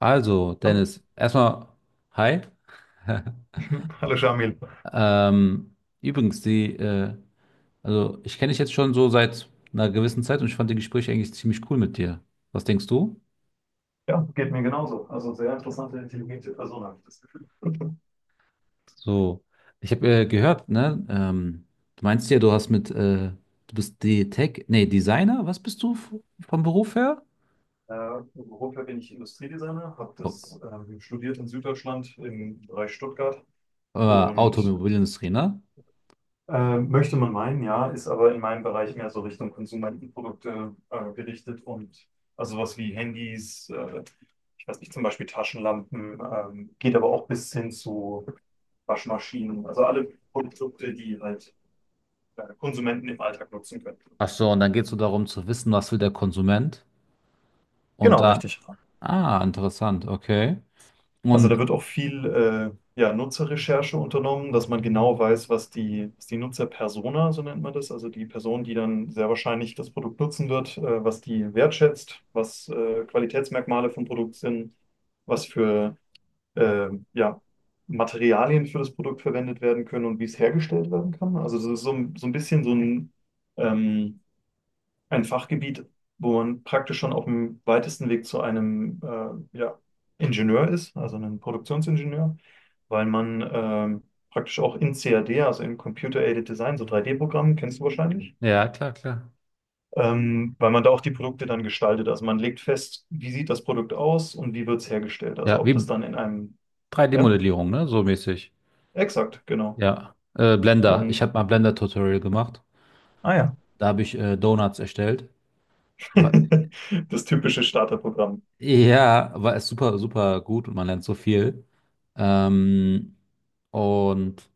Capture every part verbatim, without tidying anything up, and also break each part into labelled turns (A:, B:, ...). A: Also,
B: Hallo,
A: Dennis, erstmal, hi.
B: hallo Shamil.
A: Ähm, übrigens, die, äh, also ich kenne dich jetzt schon so seit einer gewissen Zeit und ich fand die Gespräche eigentlich ziemlich cool mit dir. Was denkst du?
B: Ja, geht mir genauso. Also sehr interessante, intelligente Person, habe ich das Gefühl.
A: So, ich habe äh, gehört, ne? Ähm, du meinst ja, du hast mit, äh, du bist die Tech, nee, Designer, was bist du f- vom Beruf her?
B: Äh, beruflich bin ich Industriedesigner, habe
A: Oh,
B: das ähm, studiert in Süddeutschland im Bereich Stuttgart
A: äh,
B: und
A: Automobilindustrie, ne?
B: äh, möchte man meinen, ja, ist aber in meinem Bereich mehr so Richtung Konsumentenprodukte äh, gerichtet, und also was wie Handys, äh, ich weiß nicht, zum Beispiel Taschenlampen, ähm, geht aber auch bis hin zu Waschmaschinen, also alle Produkte, die halt äh, Konsumenten im Alltag nutzen können.
A: Ach so, und dann geht es so darum zu wissen, was will der Konsument und
B: Genau,
A: da,
B: richtig.
A: ah, interessant, okay.
B: Also da
A: Und
B: wird auch viel äh, ja, Nutzerrecherche unternommen, dass man genau weiß, was die, was die Nutzerpersona, so nennt man das, also die Person, die dann sehr wahrscheinlich das Produkt nutzen wird, äh, was die wertschätzt, was äh, Qualitätsmerkmale vom Produkt sind, was für äh, ja, Materialien für das Produkt verwendet werden können und wie es hergestellt werden kann. Also das ist so, ein- so ein bisschen so ein ähm, ein Fachgebiet, wo man praktisch schon auf dem weitesten Weg zu einem äh, ja, Ingenieur ist, also einem Produktionsingenieur, weil man ähm, praktisch auch in cad, also in Computer-Aided Design, so drei D-Programmen, kennst du wahrscheinlich,
A: ja, klar, klar.
B: ähm, weil man da auch die Produkte dann gestaltet. Also man legt fest, wie sieht das Produkt aus und wie wird es hergestellt. Also
A: Ja,
B: ob
A: wie
B: das dann in einem,
A: drei d
B: ja,
A: modellierung ne? So mäßig.
B: exakt, genau.
A: Ja. Äh, Blender. Ich
B: Und,
A: habe mal Blender-Tutorial gemacht.
B: ah ja,
A: Da habe ich äh, Donuts erstellt. Wa-
B: das typische Starterprogramm.
A: ja, war es super, super gut und man lernt so viel. Ähm, und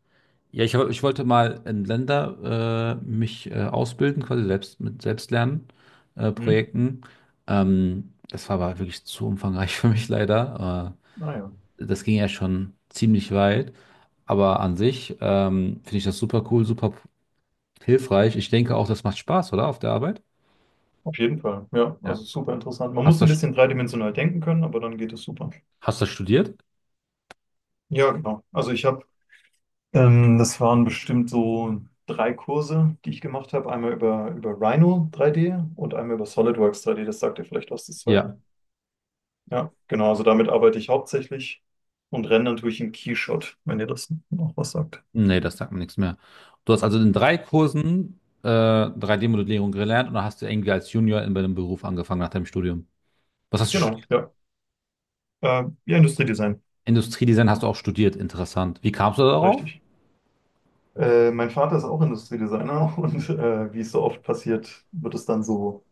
A: ja, ich, ich wollte mal in Blender äh, mich äh, ausbilden, quasi selbst mit Selbstlernen, äh,
B: Hm?
A: Projekten. Ähm, das war aber wirklich zu umfangreich für mich leider.
B: Ah ja.
A: Äh, das ging ja schon ziemlich weit. Aber an sich ähm, finde ich das super cool, super hilfreich. Ich denke auch, das macht Spaß, oder? Auf der Arbeit?
B: Auf jeden Fall, ja, also
A: Ja.
B: super interessant. Man
A: Hast
B: muss
A: du,
B: ein bisschen dreidimensional denken können, aber dann geht es super.
A: hast du studiert?
B: Ja, genau. Also ich habe, ähm, das waren bestimmt so drei Kurse, die ich gemacht habe. Einmal über, über Rhino drei D und einmal über SolidWorks drei D. Das sagt dir vielleicht was, das zweite.
A: Ja.
B: Ja, genau. Also damit arbeite ich hauptsächlich und rendern tue ich im Keyshot, wenn ihr das noch was sagt.
A: Nee, das sagt mir nichts mehr. Du hast also in drei Kursen äh, drei D-Modellierung gelernt und dann hast du irgendwie als Junior in deinem Beruf angefangen nach deinem Studium. Was hast du
B: Genau,
A: studiert?
B: ja. Äh, ja, Industriedesign,
A: Industriedesign hast du auch studiert, interessant. Wie kamst du darauf?
B: richtig. Äh, mein Vater ist auch Industriedesigner und äh, wie es so oft passiert, wird es dann so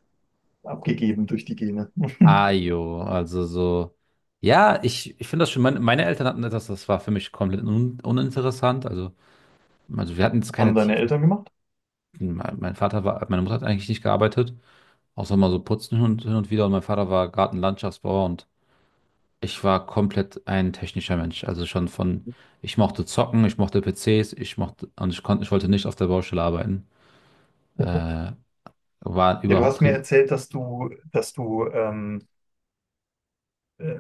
B: abgegeben durch die Gene.
A: Ah, jo, also so. Ja, ich, ich finde das schon, meine, meine Eltern hatten etwas, das war für mich komplett un, uninteressant. Also Also wir hatten jetzt keine
B: Haben deine
A: Tiefen.
B: Eltern gemacht?
A: Mein mein Vater war, meine Mutter hat eigentlich nicht gearbeitet, außer mal so putzen hin und, hin und wieder. Und mein Vater war Gartenlandschaftsbauer und ich war komplett ein technischer Mensch. Also schon von, ich mochte zocken, ich mochte P Cs, ich mochte, und ich konnte, ich wollte nicht auf der Baustelle arbeiten.
B: Ja,
A: Äh, war
B: ja, du hast
A: überhaupt,
B: mir erzählt, dass du, dass du, ähm, äh,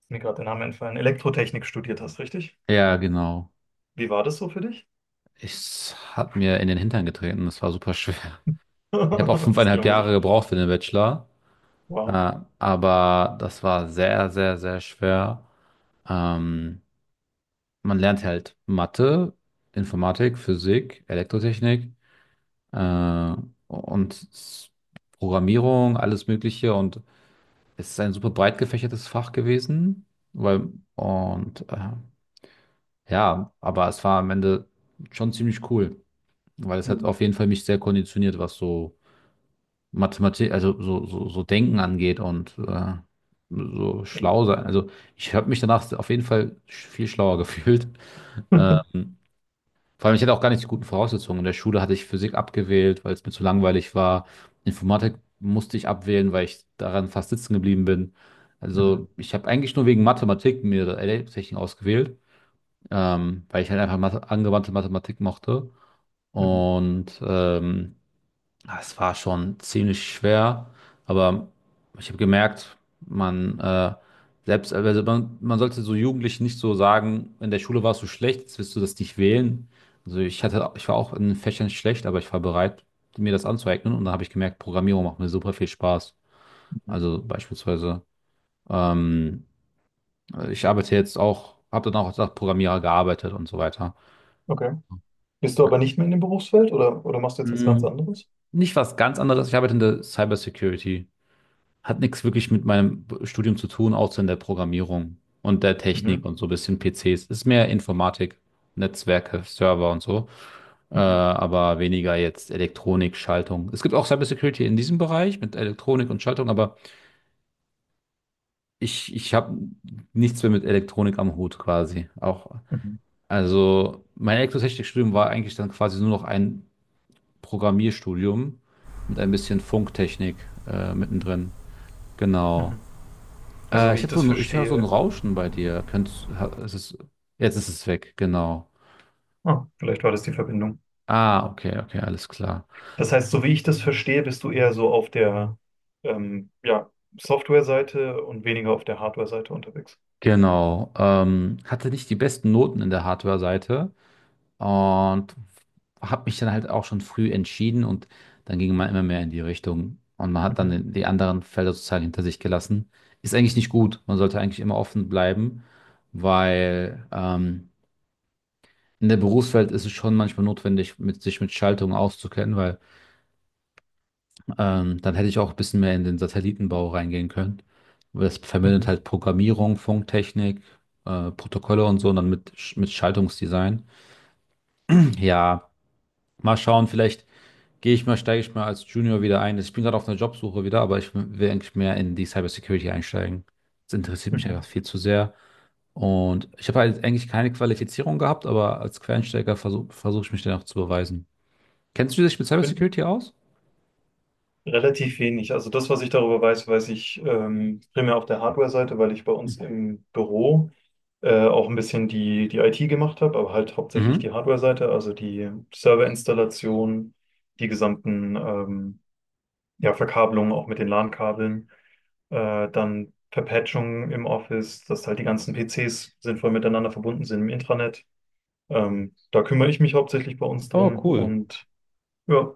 B: ist mir gerade der Name entfallen, Elektrotechnik studiert hast, richtig?
A: ja, genau.
B: Wie war das so für dich?
A: Ich hat mir in den Hintern getreten. Das war super schwer. Ich habe auch
B: Das
A: fünfeinhalb
B: glaube
A: Jahre
B: ich.
A: gebraucht für den Bachelor.
B: Wow.
A: Äh, aber das war sehr, sehr, sehr schwer. Ähm, Man lernt halt Mathe, Informatik, Physik, Elektrotechnik äh, und s- Programmierung, alles Mögliche. Und es ist ein super breit gefächertes Fach gewesen, weil und äh, ja, aber es war am Ende schon ziemlich cool, weil es hat
B: Mhm.
A: auf jeden Fall mich sehr konditioniert, was so Mathematik, also so so, so Denken angeht und äh, so schlau sein. Also ich habe mich danach auf jeden Fall sch- viel schlauer gefühlt.
B: Mhm.
A: Ähm, Vor allem, ich hatte auch gar nicht die guten Voraussetzungen. In der Schule hatte ich Physik abgewählt, weil es mir zu langweilig war. Informatik musste ich abwählen, weil ich daran fast sitzen geblieben bin. Also ich habe eigentlich nur wegen Mathematik mir L A-Technik ausgewählt, ähm, weil ich halt einfach Mathe, angewandte Mathematik mochte.
B: Mhm.
A: Und ähm, Ah, Es war schon ziemlich schwer, aber ich habe gemerkt, man äh, selbst, also man, man sollte so Jugendlichen nicht so sagen, in der Schule warst du schlecht, jetzt wirst du das nicht wählen. Also ich hatte, ich war auch in Fächern schlecht, aber ich war bereit, mir das anzueignen und dann habe ich gemerkt, Programmierung macht mir super viel Spaß.
B: Mhm.
A: Also beispielsweise, ähm, ich arbeite jetzt auch, habe dann auch als Programmierer gearbeitet und so weiter.
B: Okay. Bist du
A: Ja.
B: aber nicht mehr in dem Berufsfeld, oder, oder machst du jetzt was ganz
A: Mm,
B: anderes?
A: nicht was ganz anderes, ich arbeite in der Cybersecurity. Hat nichts wirklich mit meinem Studium zu tun, außer in der Programmierung und der Technik
B: Mhm.
A: und so ein bisschen P Cs. Ist mehr Informatik, Netzwerke, Server und so, äh,
B: Mhm.
A: aber weniger jetzt Elektronik, Schaltung. Es gibt auch Cybersecurity in diesem Bereich mit Elektronik und Schaltung, aber ich, ich habe nichts mehr mit Elektronik am Hut quasi. Auch,
B: Mhm.
A: also mein Elektrotechnikstudium war eigentlich dann quasi nur noch ein Programmierstudium mit ein bisschen Funktechnik äh, mittendrin.
B: Mhm.
A: Genau.
B: Also
A: Äh,
B: wie
A: ich
B: ich
A: habe so
B: das
A: ein, ich höre so ein
B: verstehe,
A: Rauschen bei dir. Könntest, ha- ist es, jetzt ist es weg, genau.
B: ah, vielleicht war das die Verbindung.
A: Ah, okay, okay, alles klar.
B: Das heißt, so wie ich das verstehe, bist du eher so auf der ähm, ja, Software-Seite und weniger auf der Hardware-Seite unterwegs.
A: Genau. Ähm, hatte nicht die besten Noten in der Hardware-Seite und habe mich dann halt auch schon früh entschieden und dann ging man immer mehr in die Richtung und man hat dann
B: Mhm.
A: den- die anderen Felder sozusagen hinter sich gelassen. Ist eigentlich nicht gut. Man sollte eigentlich immer offen bleiben, weil ähm, in der Berufswelt ist es schon manchmal notwendig, mit, sich mit Schaltungen auszukennen, weil Ähm, dann hätte ich auch ein bisschen mehr in den Satellitenbau reingehen können. Aber das verbindet
B: Mhm.
A: halt Programmierung, Funktechnik, äh, Protokolle und so und dann mit, Sch- mit Schaltungsdesign. Ja, mal schauen, vielleicht gehe ich mal, steige ich mal als Junior wieder ein. Ich bin gerade auf einer Jobsuche wieder, aber ich will eigentlich mehr in die Cybersecurity einsteigen. Das interessiert mich einfach
B: Mhm.
A: viel zu sehr. Und ich habe halt eigentlich keine Qualifizierung gehabt, aber als Quereinsteiger versuche versuche ich mich dann auch zu beweisen. Kennst du dich mit
B: Bin
A: Cybersecurity aus?
B: relativ wenig. Also das, was ich darüber weiß, weiß ich ähm, primär auf der Hardware-Seite, weil ich bei uns im Büro äh, auch ein bisschen die, die I T gemacht habe, aber halt hauptsächlich die
A: Mhm.
B: Hardware-Seite, also die Serverinstallation, die gesamten ähm, ja, Verkabelungen auch mit den LAN-Kabeln. Äh, dann Verpatchung im Office, dass halt die ganzen P Cs sinnvoll miteinander verbunden sind im Intranet. Ähm, da kümmere ich mich hauptsächlich bei uns
A: Oh,
B: drum
A: cool.
B: und ja,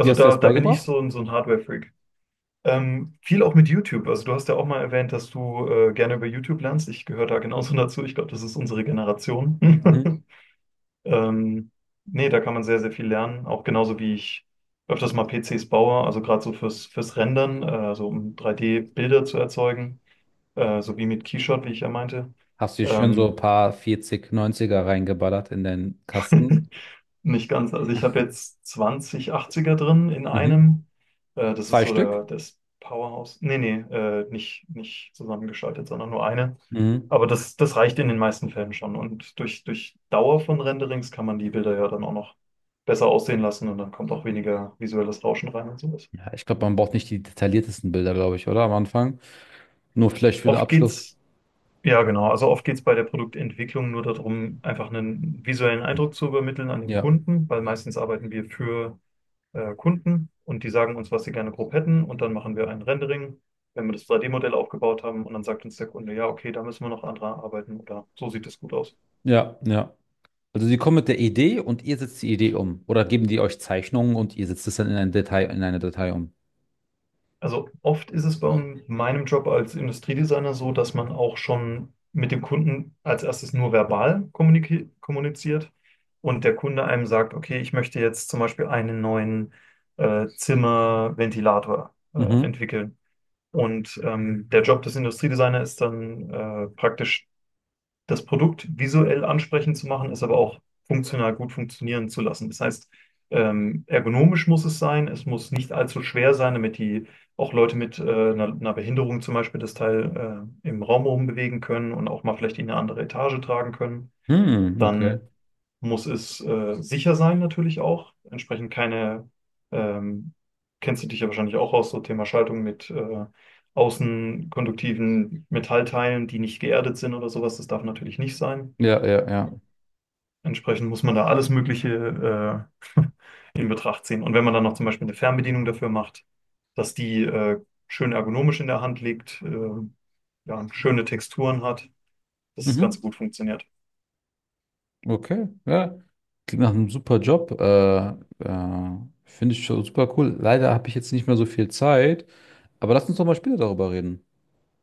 A: Wie hast du dir
B: da,
A: das
B: da bin ich
A: beigebracht?
B: so ein, so ein Hardware-Freak. Ähm, viel auch mit YouTube. Also du hast ja auch mal erwähnt, dass du äh, gerne über YouTube lernst. Ich gehöre da genauso dazu. Ich glaube, das ist unsere
A: Mhm.
B: Generation. Ähm, Nee, da kann man sehr, sehr viel lernen. Auch genauso wie ich öfters mal P Cs baue, also gerade so fürs, fürs Rendern, äh, also um drei D-Bilder zu erzeugen, äh, so wie mit Keyshot, wie ich ja meinte.
A: Hast du dir schön so ein
B: Ähm,
A: paar vierziger, neunziger reingeballert in den Kasten?
B: Nicht ganz. Also ich habe jetzt zwanzig achtziger drin in
A: Mhm.
B: einem. Äh, das ist
A: Zwei
B: so
A: Stück?
B: der, das Powerhouse. Nee, nee, äh, nicht, nicht zusammengeschaltet, sondern nur eine.
A: Mhm.
B: Aber das, das reicht in den meisten Fällen schon. Und durch, durch Dauer von Renderings kann man die Bilder ja dann auch noch besser aussehen lassen, und dann kommt auch weniger visuelles Rauschen rein und sowas.
A: Ja, ich glaube, man braucht nicht die detailliertesten Bilder, glaube ich, oder? Am Anfang. Nur vielleicht für den
B: Oft
A: Abschluss.
B: geht's Ja, genau. Also oft geht es bei der Produktentwicklung nur darum, einfach einen visuellen Eindruck zu übermitteln an den
A: Ja,
B: Kunden, weil meistens arbeiten wir für äh, Kunden, und die sagen uns, was sie gerne grob hätten, und dann machen wir ein Rendering, wenn wir das drei D-Modell aufgebaut haben, und dann sagt uns der Kunde, ja, okay, da müssen wir noch andere arbeiten oder so sieht das gut aus.
A: ja, ja. Also sie kommen mit der Idee und ihr setzt die Idee um. Oder geben die euch Zeichnungen und ihr setzt es dann in ein Detail, in eine Datei um.
B: Also oft ist es bei un- meinem Job als Industriedesigner so, dass man auch schon mit dem Kunden als erstes nur verbal kommuniki- kommuniziert und der Kunde einem sagt, okay, ich möchte jetzt zum Beispiel einen neuen äh, Zimmerventilator äh,
A: Mhm.
B: entwickeln. Und ähm, der Job des Industriedesigners ist dann äh, praktisch das Produkt visuell ansprechend zu machen, es aber auch funktional gut funktionieren zu lassen. Das heißt, ähm, ergonomisch muss es sein, es muss nicht allzu schwer sein, damit die auch Leute mit äh, einer, einer Behinderung zum Beispiel das Teil äh, im Raum rumbewegen können und auch mal vielleicht in eine andere Etage tragen können.
A: Hm, okay.
B: Dann muss es äh, sicher sein natürlich auch, entsprechend keine, ähm, kennst du dich ja wahrscheinlich auch aus, so Thema Schaltung mit äh, außenkonduktiven Metallteilen, die nicht geerdet sind oder sowas, das darf natürlich nicht sein.
A: Ja, ja, ja.
B: Entsprechend muss man da alles Mögliche äh, in Betracht ziehen. Und wenn man dann noch zum Beispiel eine Fernbedienung dafür macht, dass die äh, schön ergonomisch in der Hand liegt, äh, ja, schöne Texturen hat, dass es
A: Mhm.
B: ganz gut funktioniert.
A: Okay, ja. Klingt nach einem super Job. Äh, äh, finde ich schon super cool. Leider habe ich jetzt nicht mehr so viel Zeit. Aber lass uns doch mal später darüber reden.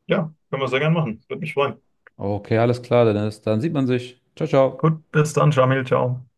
B: Ja, können wir sehr gern machen. Würde mich freuen.
A: Okay, alles klar, Dennis. Dann sieht man sich. Ciao, ciao.
B: Gut, bis dann, Jamil. Ciao.